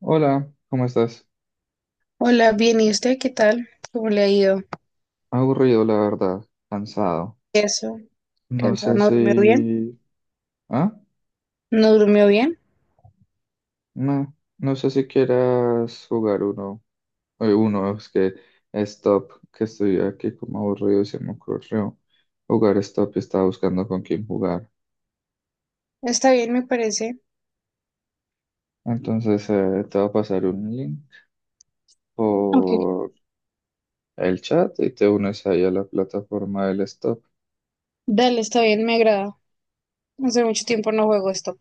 Hola, ¿cómo estás? Hola, bien, ¿y usted qué tal? ¿Cómo le ha ido? Aburrido, la verdad, cansado. Eso, No sé cansado, ¿no durmió bien? si... ¿Ah? ¿No durmió bien? No, no sé si quieras jugar uno. Uno, es que Stop, que estoy aquí como aburrido y se me ocurrió jugar Stop y estaba buscando con quién jugar. Está bien, me parece. Entonces te voy a pasar un link Ok, por el chat y te unes ahí a la plataforma del Stop. dale, está bien, me agrada. Hace mucho tiempo no juego esto.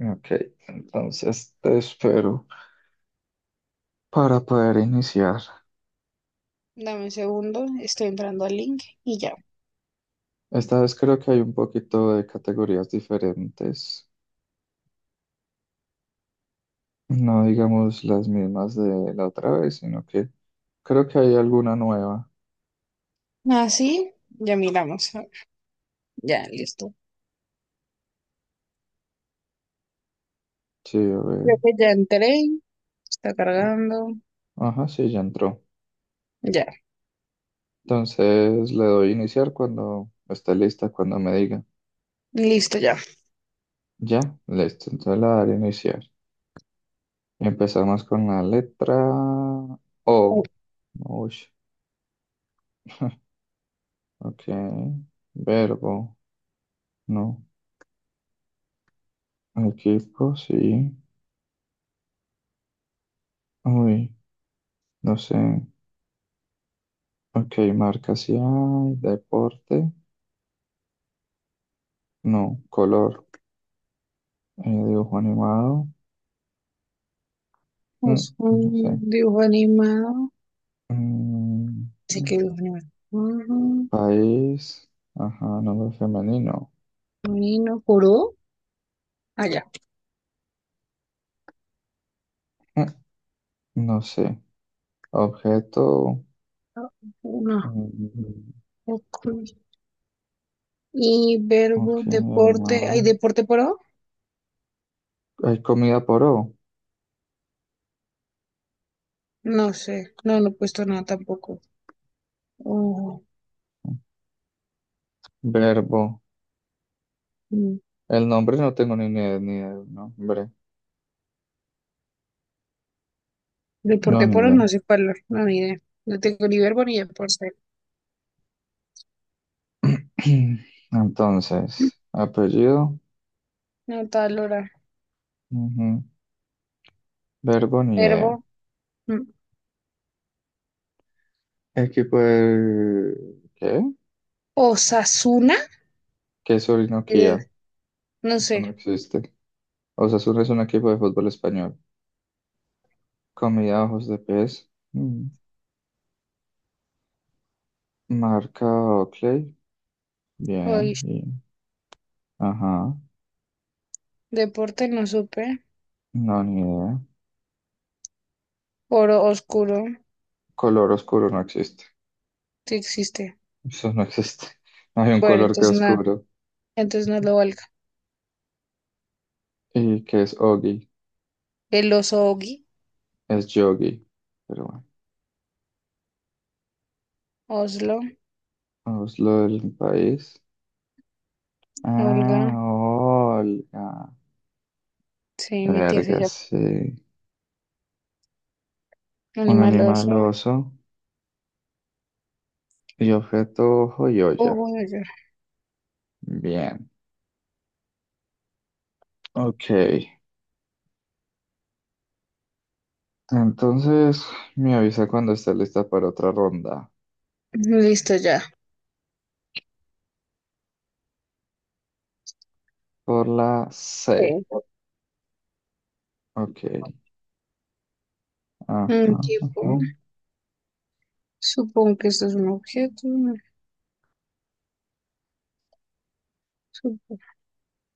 Ok, entonces te espero para poder iniciar. Dame un segundo, estoy entrando al link y ya. Esta vez creo que hay un poquito de categorías diferentes, no digamos las mismas de la otra vez, sino que creo que hay alguna nueva. Así, ya miramos. Ya, listo. Sí, a ver. Creo que ya entré, está cargando. Ajá, sí, ya entró. Ya, Entonces le doy iniciar cuando esté lista, cuando me diga. listo, ya. Ya, listo. Entonces le daré iniciar. Empezamos con la letra O. Uy, ok. Verbo, no. Equipo, sí. Uy, no sé. Ok, marca sí hay, deporte, no, color, dibujo animado, mm, Es no sé. un dibujo animado. Mm, Dice mm, que dibujo animado. Ujú. país, ajá, nombre femenino, Nino Kuro. Ah, ya. mm, no sé. Objeto, Uno. mm, Ok. Y ok, verbo, deporte, ¿hay animal. deporte pro? Hay comida por O, No sé, no, no he puesto nada tampoco. Oh, verbo. mm. El nombre no tengo ni idea, ni idea del nombre, no, Deporte ni pro, idea. no sé cuál, no, ni idea. No tengo ni verbo ni deporte. Entonces, apellido, No, tal hora. ujú, verbo, ni idea. Verbo. Mm. Equipo del... ¿Qué? Osasuna. ¿Qué es Eh, Orinoquía? no Eso no sé. existe. Osasuna es un equipo de fútbol español. Comida ojos de pez. Mm. Marca Oakley. Bien, Oye, bien. Ajá. deporte no supe. No, ni idea. Oro oscuro, Color oscuro no existe. sí existe. Eso no existe. No hay un Bueno, color que entonces nada, oscuro. entonces no lo valga. ¿Y qué es Ogi? El oso Ogi, Es Yogi. Pero bueno. Oslo, Vamos lo del país. Olga, Ah, Olga. sí, mi tía se Verga, llama. sí. Un Animal animal oso. oso. Y objeto joyoya. Ojo. Bien. Ok. Entonces me avisa cuando esté lista para otra ronda. Listo ya. Por la Sí. C. Ok. Ajá, Un tipo, ajá. supongo que esto es un objeto, ¿no? Supo-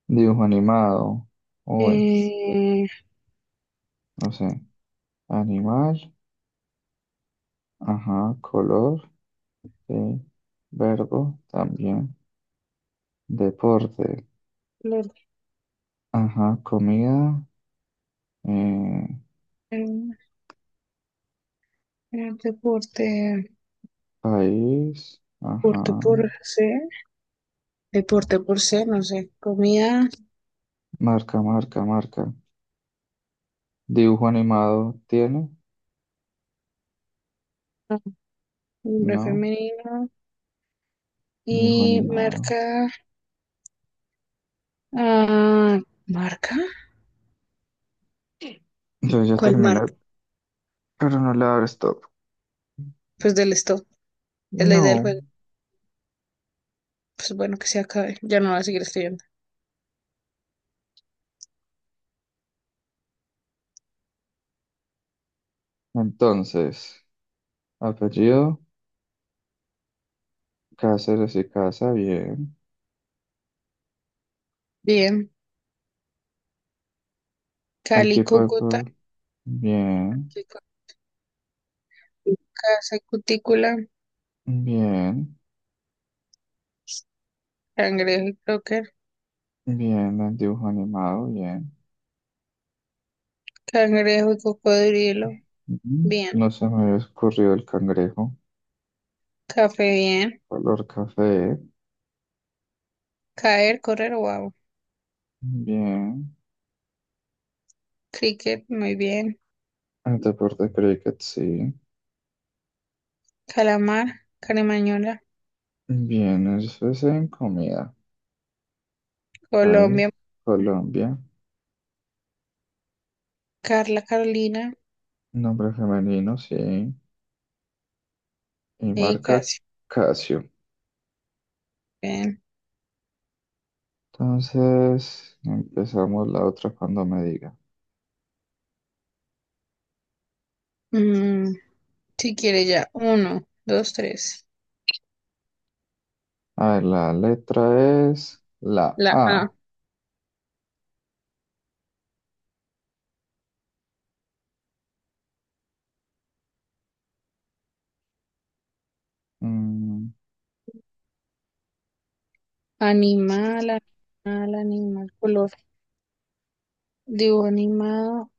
Dibujo animado. Uy, Eh, no sé. Animal. Ajá. Color. Sí. Verbo. También. Deporte. lo- Ajá. Comida. eh, eh, deporte, país. deporte Ajá. por C, deporte por C, no sé. Comida. Marca. Dibujo animado. ¿Tiene? Ah, nombre No. femenino Dibujo y animado. marca. Ah, ¿marca? Yo ya ¿Cuál terminé, marca? pero no le abro stop. Pues del stop, es la idea del No. juego. Pues bueno, que se acabe, ya no voy a seguir escribiendo. Entonces, apellido, Cáceres y Casa, bien. Bien, Cali, Equipo Cúcuta, de bien, Casa y Cutícula, bien, Cangrejo y Croqueta. bien. El dibujo animado, bien. Cangrejo y cocodrilo. Ujú. Bien. No se me había ocurrido el cangrejo. Café, bien. Color café, Caer, correr, wow. bien. Cricket, muy bien. El deporte cricket, sí. Calamar, caremañola. Bien, eso es en comida. Ahí, Colombia, Colombia. Carla, Carolina. Nombre femenino, sí. Y Y marca casi. Casio. Bien. Entonces, empezamos la otra cuando me diga. Mm, si quiere ya. Uno, dos, tres. A ver, la letra es la La A. A. Mm, Animal, animal, animal. Color. Dibujo animado.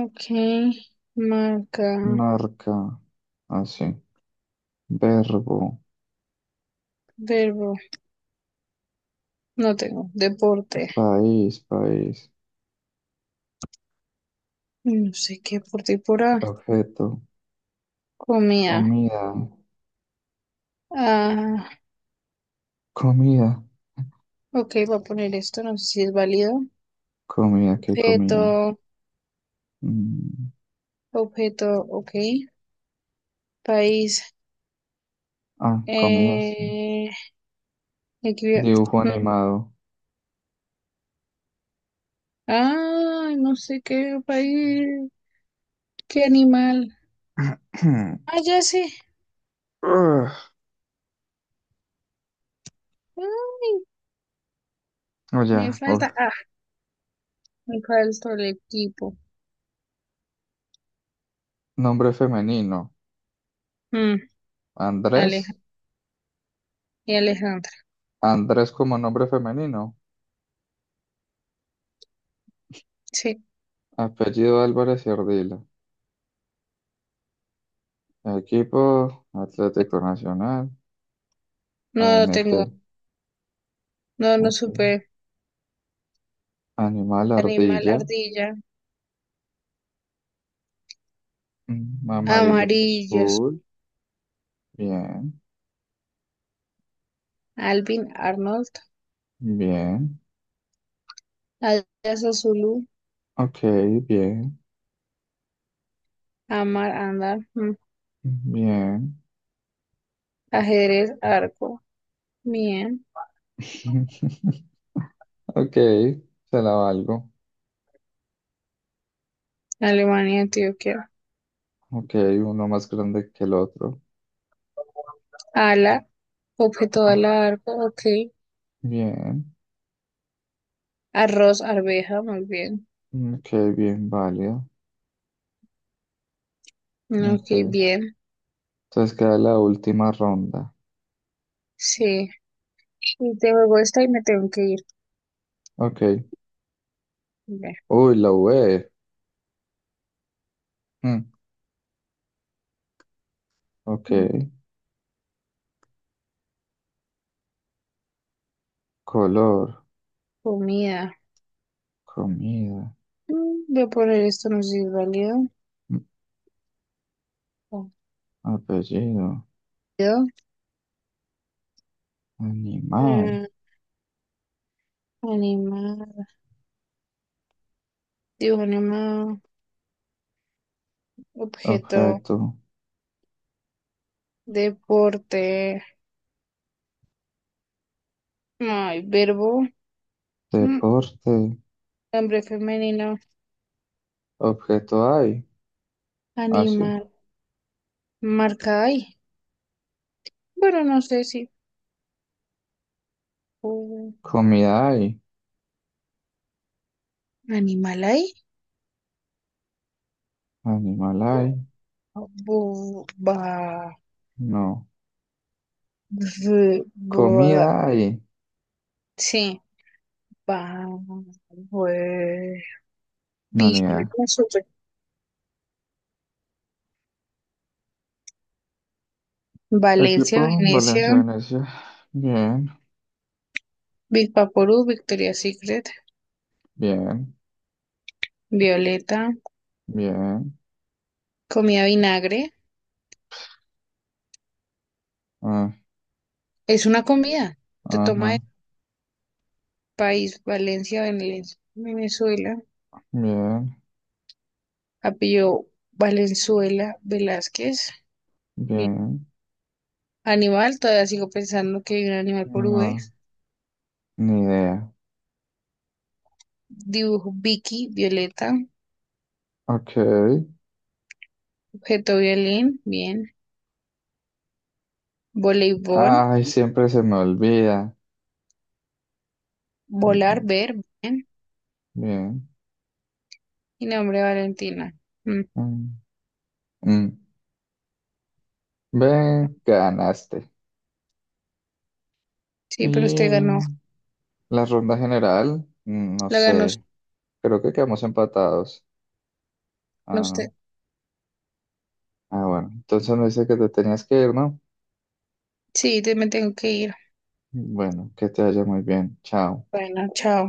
Ok. Marca. marca, así. Verbo, Verbo. No tengo. Deporte. País. No sé qué deporte hay por A. Objeto, Comida. comida, Ah. comida, Ok, voy a poner esto, no sé si es válido. comida, ¿qué Objeto, comida? Mm, Objeto, ok. País, ah, comida, sí. eh, aquí veo- Dibujo mm. animado. Ay, no sé qué país, qué animal. Ah, ya sé. Ugh, Ay, oh, me ya. Uf. falta, me falta el equipo. Nombre femenino. Mm, Aleja- Andrés. y Alejandra. Andrés como nombre femenino, Sí, apellido Álvarez y Ardila, equipo Atlético Nacional, A no lo N T, tengo, no, no ok. supe. Animal Animal, ardilla, ardilla, mm, amarillo y amarillos. azul, bien, Alvin, Arnold, bien, Adidas, Zulu, ok, bien, Amar, andar. Mm. bien, Ajedrez, arco, bien, ok, se la valgo, Alemania, Antioquia, ok, uno más grande que el otro, ala, objeto de ah, ala, arco, ok, bien, arroz, arveja, muy bien, ok, bien válido, ok, ok. bien, Entonces queda la última ronda, sí, y te juego esta y me tengo que ir, ok, Ve. uy, la UE. Ok, Mm, color, comida, comida, mm, voy a poner esto, no sé si es válido, mm, apellido, válido. animal, Eh, animal, dibujo animal, objeto, objeto, deporte, ay, verbo, mm, deporte, hombre femenino, objeto hay, así, animal, marca ahí. Pero no sé si un comida hay, animal ahí. animal hay, Bu- ba- no, bu- bu- comida hay, Sí, va. no, ni idea. Equipo, Valencia, Venecia, Valencianesia, bien, Bispaporú, Victoria Secret, bien, Violeta, bien, comida vinagre. ah, Es una comida. Te toma el ajá, país, Valencia, Venezuela. bien, Apellido Valenzuela Velázquez. Mi bien, Animal, todavía sigo pensando que hay un animal por V. no, ni idea. Dibujo Vicky, Violeta, Ok, objeto violín, bien. Voleibol, ay, siempre se me olvida. Mm, volar, mm, ver, bien. bien. Y nombre Valentina. Mm. Mm. Mm, ve, ganaste. Sí, pero usted ganó. Y la ronda general, mm, no La ganó s- sé, creo que quedamos empatados. Ah, usted. no. Ah, bueno, entonces me dice que te tenías que ir, ¿no? Sí, me tengo que ir. Bueno, que te vaya muy bien. Chao. Bueno, chao.